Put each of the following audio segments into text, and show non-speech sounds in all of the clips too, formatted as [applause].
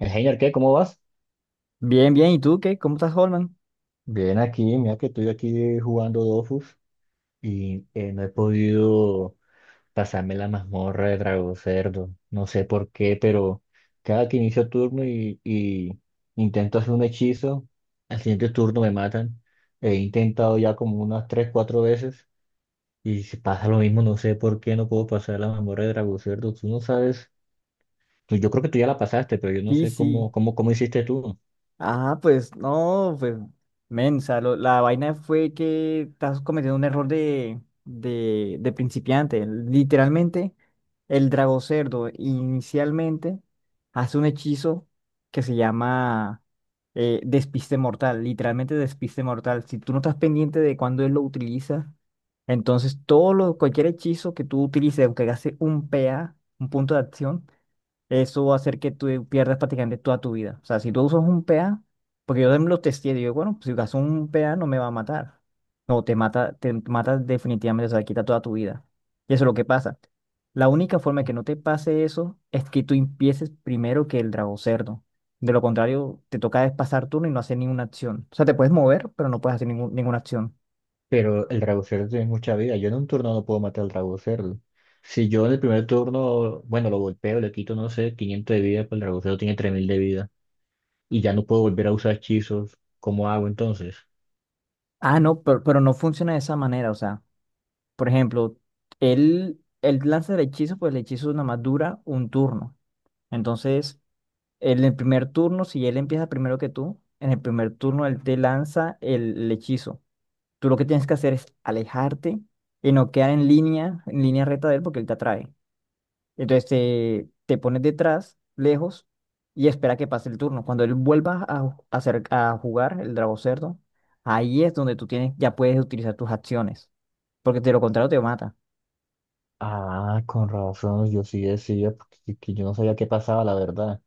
Señor, ¿qué? ¿Cómo vas? Bien, bien. ¿Y tú qué? ¿Cómo estás, Holman? Bien, aquí, mira que estoy aquí jugando Dofus y no he podido pasarme la mazmorra de Drago Cerdo. No sé por qué, pero cada que inicio turno y intento hacer un hechizo, al siguiente turno me matan. He intentado ya como unas tres, cuatro veces y si pasa lo mismo, no sé por qué no puedo pasar la mazmorra de Drago Cerdo. Tú no sabes, yo creo que tú ya la pasaste, pero yo no Sí, sé cómo, sí. cómo, cómo hiciste tú. Ah, pues no, pues, men, o sea, la vaina fue que estás cometiendo un error de principiante. Literalmente, el drago cerdo inicialmente hace un hechizo que se llama despiste mortal, literalmente despiste mortal. Si tú no estás pendiente de cuándo él lo utiliza, entonces cualquier hechizo que tú utilices, aunque hace un PA, un punto de acción, eso va a hacer que tú pierdas prácticamente toda tu vida. O sea, si tú usas un PA, porque yo también lo testé, digo, bueno, pues, si usas un PA no me va a matar. No, te mata definitivamente, o sea, quita toda tu vida. Y eso es lo que pasa. La única forma de que no te pase eso es que tú empieces primero que el drago cerdo. De lo contrario, te toca es pasar turno y no hacer ninguna acción. O sea, te puedes mover, pero no puedes hacer ninguna acción. Pero el Dragocerdo tiene mucha vida. Yo en un turno no puedo matar al Dragocerdo. Si yo en el primer turno, bueno, lo golpeo, le quito, no sé, 500 de vida, pues el Dragocerdo tiene 3000 de vida. Y ya no puedo volver a usar hechizos. ¿Cómo hago entonces? Ah, no, pero no funciona de esa manera, o sea. Por ejemplo, él lanza el hechizo, pues el hechizo nada más dura un turno. Entonces, en el primer turno, si él empieza primero que tú, en el primer turno él te lanza el hechizo. Tú lo que tienes que hacer es alejarte y no quedar en línea recta de él porque él te atrae. Entonces te pones detrás, lejos, y espera que pase el turno. Cuando él vuelva a, ju- a hacer, a jugar el drago cerdo, ahí es donde ya puedes utilizar tus acciones, porque de lo contrario te mata. Ah, con razón, yo sí decía, porque que yo no sabía qué pasaba, la verdad.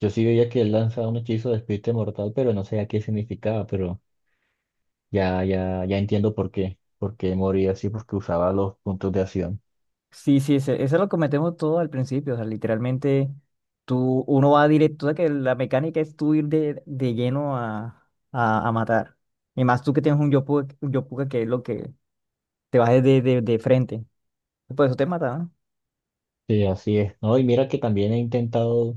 Yo sí veía que él lanzaba un hechizo de espíritu mortal, pero no sabía qué significaba, pero ya entiendo por qué. Por qué moría así, porque usaba los puntos de acción. Sí, sí, eso es lo que metemos todo al principio. O sea, literalmente uno va directo, o sea, que la mecánica es tú ir de lleno a matar. Y más tú que tienes un yopuka que es lo que te vas de frente. Y por eso te mata, ¿no? Sí, así es. No, y mira que también he intentado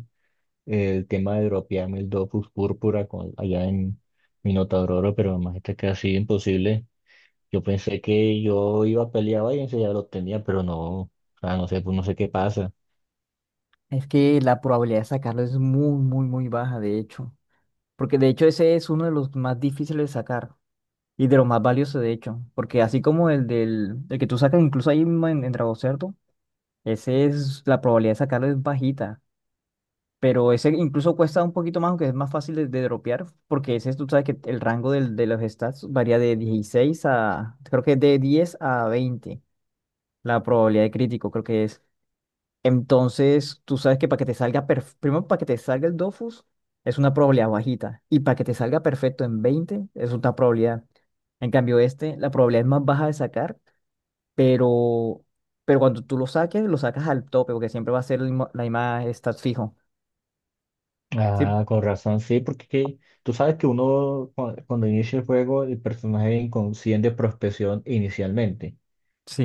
el tema de dropearme el Dofus Púrpura con, allá en Minotauro, pero más está casi imposible. Yo pensé que yo iba a pelear Valencia y ya lo tenía, pero no, o sea, no sé, pues no sé qué pasa. Es que la probabilidad de sacarlo es muy, muy, muy baja, de hecho. Porque de hecho ese es uno de los más difíciles de sacar y de los más valiosos, de hecho. Porque así como el que tú sacas incluso ahí mismo en Dragocerto, la probabilidad de sacarlo es bajita. Pero ese incluso cuesta un poquito más, aunque es más fácil de dropear, porque ese tú sabes que el rango de los stats varía creo que de 10 a 20 la probabilidad de crítico creo que es. Entonces, tú sabes que para que te salga, primero para que te salga el Dofus es una probabilidad bajita, y para que te salga perfecto en 20 es una probabilidad. En cambio, este, la probabilidad es más baja de sacar, pero, pero cuando tú lo saques, lo sacas al tope, porque siempre va a ser la misma stats fijo. Sí, Ah, con razón, sí, tú sabes que cuando inicia el juego, el personaje es inconsciente de prospección inicialmente.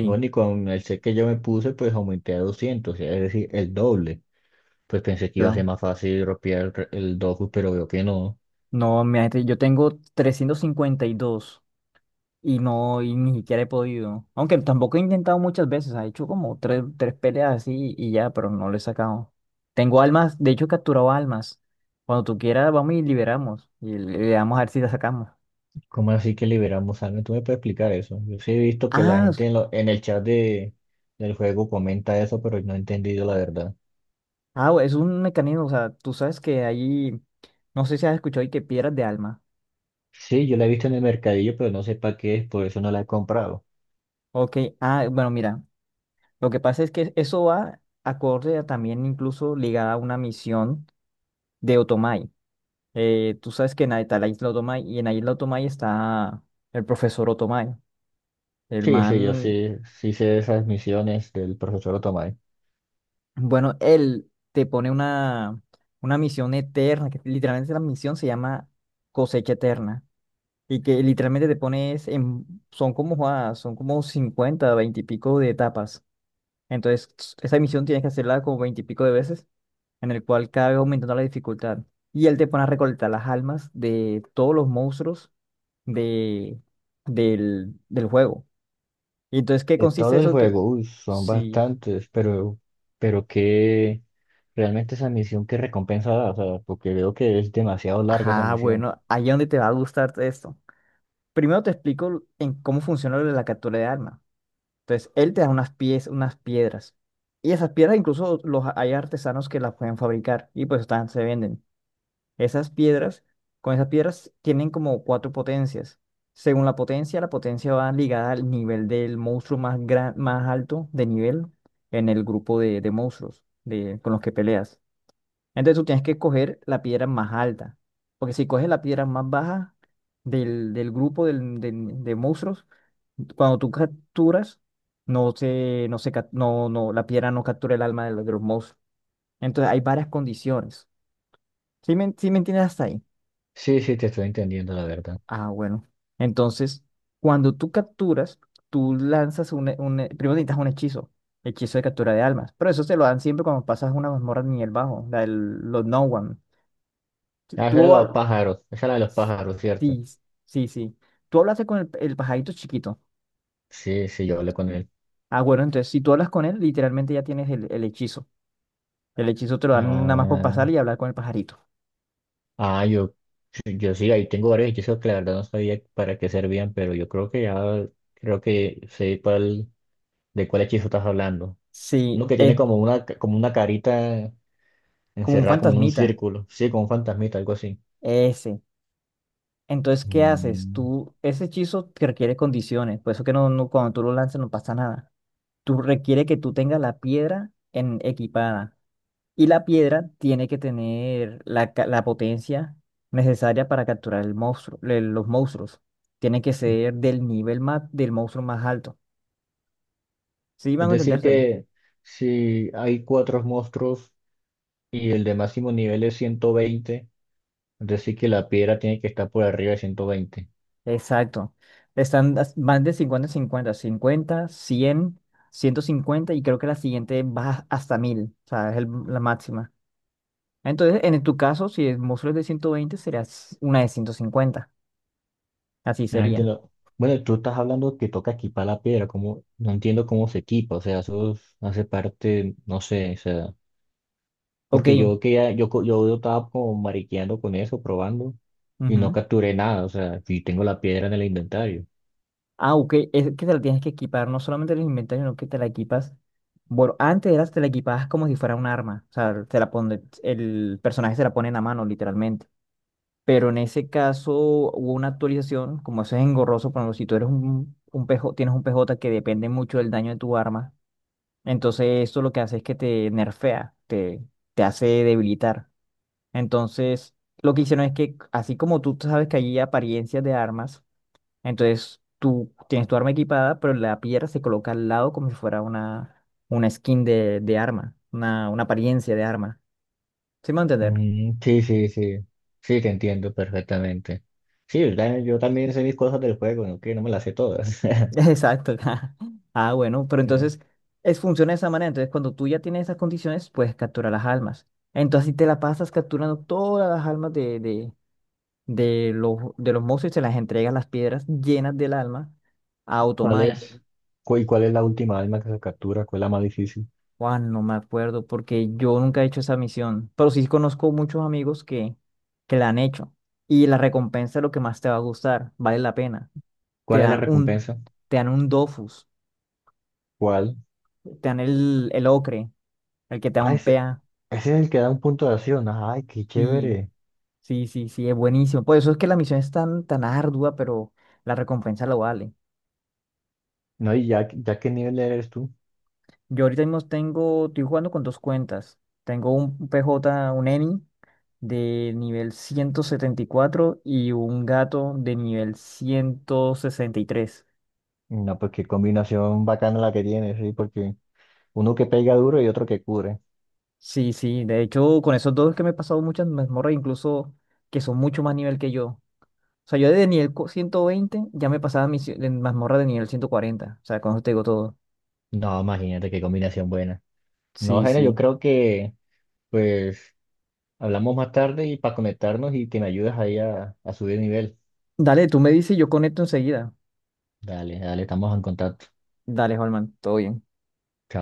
Y bueno, y con el set que yo me puse, pues aumenté a 200, es decir, el doble. Pues pensé que iba a ser claro. más fácil dropear el Dofus, pero veo que no. No, imagínate, yo tengo 352 y ni siquiera he podido. Aunque tampoco he intentado muchas veces, ha hecho como tres peleas así y ya, pero no lo he sacado. Tengo almas, de hecho he capturado almas. Cuando tú quieras, vamos y liberamos y le damos a ver si la sacamos. ¿Cómo así que liberamos sangre? ¿Tú me puedes explicar eso? Yo sí he visto que la Ah, s- gente en, en el chat del juego comenta eso, pero no he entendido la verdad. ah, es un mecanismo, o sea, tú sabes que ahí, no sé si has escuchado y que piedras de alma. Sí, yo la he visto en el mercadillo, pero no sé para qué es, por eso no la he comprado. Ok, ah, bueno, mira, lo que pasa es que eso va acorde a también incluso ligada a una misión de Otomai. Tú sabes que está la isla Otomay y en la isla Otomay está el profesor Otomay. El Sí, sí, yo man, sí, sí sé de esas misiones del profesor Otomay. bueno, él te pone una misión eterna, que literalmente la misión se llama cosecha eterna. Y que literalmente son como, joda, son como 50 20 y pico de etapas. Entonces, esa misión tienes que hacerla como 20 y pico de veces, en el cual cada vez aumentando la dificultad. Y él te pone a recolectar las almas de todos los monstruos de, del juego. Y entonces, ¿qué De consiste todo el eso? Que juego, uy, son sí. bastantes, pero que realmente esa misión, ¿qué recompensa da? O sea, porque veo que es demasiado larga esa Ah, misión. bueno, ahí es donde te va a gustar esto. Primero te explico en cómo funciona lo de la captura de armas. Entonces, él te da unas piedras. Y esas piedras incluso los hay artesanos que las pueden fabricar y pues están, se venden. Esas piedras, con esas piedras tienen como cuatro potencias. Según la potencia va ligada al nivel del monstruo más alto de nivel en el grupo de monstruos con los que peleas. Entonces tú tienes que coger la piedra más alta, porque si coges la piedra más baja del grupo de monstruos, cuando tú capturas, no se, no se, cap- no, no, la piedra no captura el alma de los monstruos. Entonces hay varias condiciones. ¿Sí me entiendes hasta ahí? Sí, sí, te estoy entendiendo la verdad. Ah, bueno. Entonces, cuando tú capturas, tú lanzas primero necesitas un hechizo de captura de almas, pero eso te lo dan siempre cuando pasas una mazmorra de nivel bajo, los No One. Tú, Ah, esa de tú los hab- pájaros, esa es la de los pájaros, ¿cierto? sí, sí, sí. Tú hablaste con el pajarito chiquito. Sí, sí, yo hablé con él. Ah, bueno, entonces si tú hablas con él, literalmente ya tienes el hechizo. El hechizo te lo dan nada más por Ah, pasar y hablar con el pajarito. ah, yo sí, ahí tengo varios hechizos que la verdad no sabía para qué servían, pero yo creo que ya, creo que sé de cuál hechizo estás hablando. Sí, Uno que tiene es como una, como una carita como un encerrada como en un fantasmita. círculo, sí, como un fantasmita, algo así. Ese. Entonces, ¿qué haces? Mm. Ese hechizo te requiere condiciones, por eso que cuando tú lo lanzas no pasa nada. Tú requiere que tú tengas la piedra equipada y la piedra tiene que tener la potencia necesaria para capturar los monstruos. Tiene que ser del monstruo más alto. ¿Sí Es van a decir entenderse ahí? que si hay cuatro monstruos y el de máximo nivel es 120, es decir que la piedra tiene que estar por arriba de 120. Exacto. Están más de 50 en cincuenta cincuenta, cien ciento cincuenta y creo que la siguiente va hasta 1000, o sea, es la máxima. Entonces, en tu caso, si el monstruo es de 120, serás una de 150. Así Ah, sería. entiendo. Bueno, tú estás hablando que toca equipar la piedra, como no entiendo cómo se equipa, o sea, hace parte, no sé, o sea, Ok. porque yo que ya, yo, co- yo estaba como mariqueando con eso, probando, y no Ujú. capturé nada, o sea, y tengo la piedra en el inventario. Ah, ok. Es que te la tienes que equipar, no solamente en el inventario, sino que te la equipas. Bueno, te la equipabas como si fuera un arma. O sea, el personaje se la pone en la mano, literalmente. Pero en ese caso hubo una actualización, como eso es engorroso, por ejemplo, si tú eres un PJ, tienes un PJ que depende mucho del daño de tu arma, entonces esto lo que hace es que te nerfea, te hace debilitar. Entonces, lo que hicieron es que, así como tú sabes que hay apariencias de armas, entonces tú tienes tu arma equipada, pero la piedra se coloca al lado como si fuera una skin de arma, una apariencia de arma. ¿Sí me va a entender? Mm, sí, te entiendo perfectamente. Sí, ¿verdad? Yo también sé mis cosas del juego, ¿no? Que no me las sé todas. [laughs] [laughs] Exacto. [laughs] Ah, bueno, pero Sí. entonces funciona de esa manera. Entonces, cuando tú ya tienes esas condiciones, puedes capturar las almas. Entonces, si te la pasas capturando todas las almas de los monstruos y se las entregas las piedras llenas del alma a ¿Cuál Otomai. es? ¿Y cuál es la última alma que se captura? ¿Cuál es la más difícil? Juan, no me acuerdo porque yo nunca he hecho esa misión, pero sí conozco muchos amigos que la han hecho y la recompensa es lo que más te va a gustar, vale la pena. Te ¿Cuál es la dan un, recompensa? te dan un Dofus, ¿Cuál? te dan el ocre, el que te da un pea. Ese es el que da un punto de acción. Ay, qué Sí, chévere. sí, sí, sí, es buenísimo. Por eso es que la misión es tan, tan ardua, pero la recompensa lo vale. No, y ya, ya qué nivel eres tú. Yo ahorita mismo estoy jugando con dos cuentas. Tengo un PJ, un Eni de nivel 174 y un gato de nivel 163. No, pues qué combinación bacana la que tienes, sí, porque uno que pega duro y otro que cubre. Sí, sí, de hecho, con esos dos es que me he pasado muchas mazmorras, incluso que son mucho más nivel que yo. O sea, yo desde nivel 120 ya me pasaba en mazmorra de nivel 140. O sea, con eso te digo todo. No, imagínate qué combinación buena. No, Sí, Gene, yo sí. creo que pues hablamos más tarde y para conectarnos y que me ayudes ahí a subir nivel. Dale, tú me dices y yo conecto enseguida. Dale, dale, estamos en contacto. Dale, Holman, todo bien. Chao.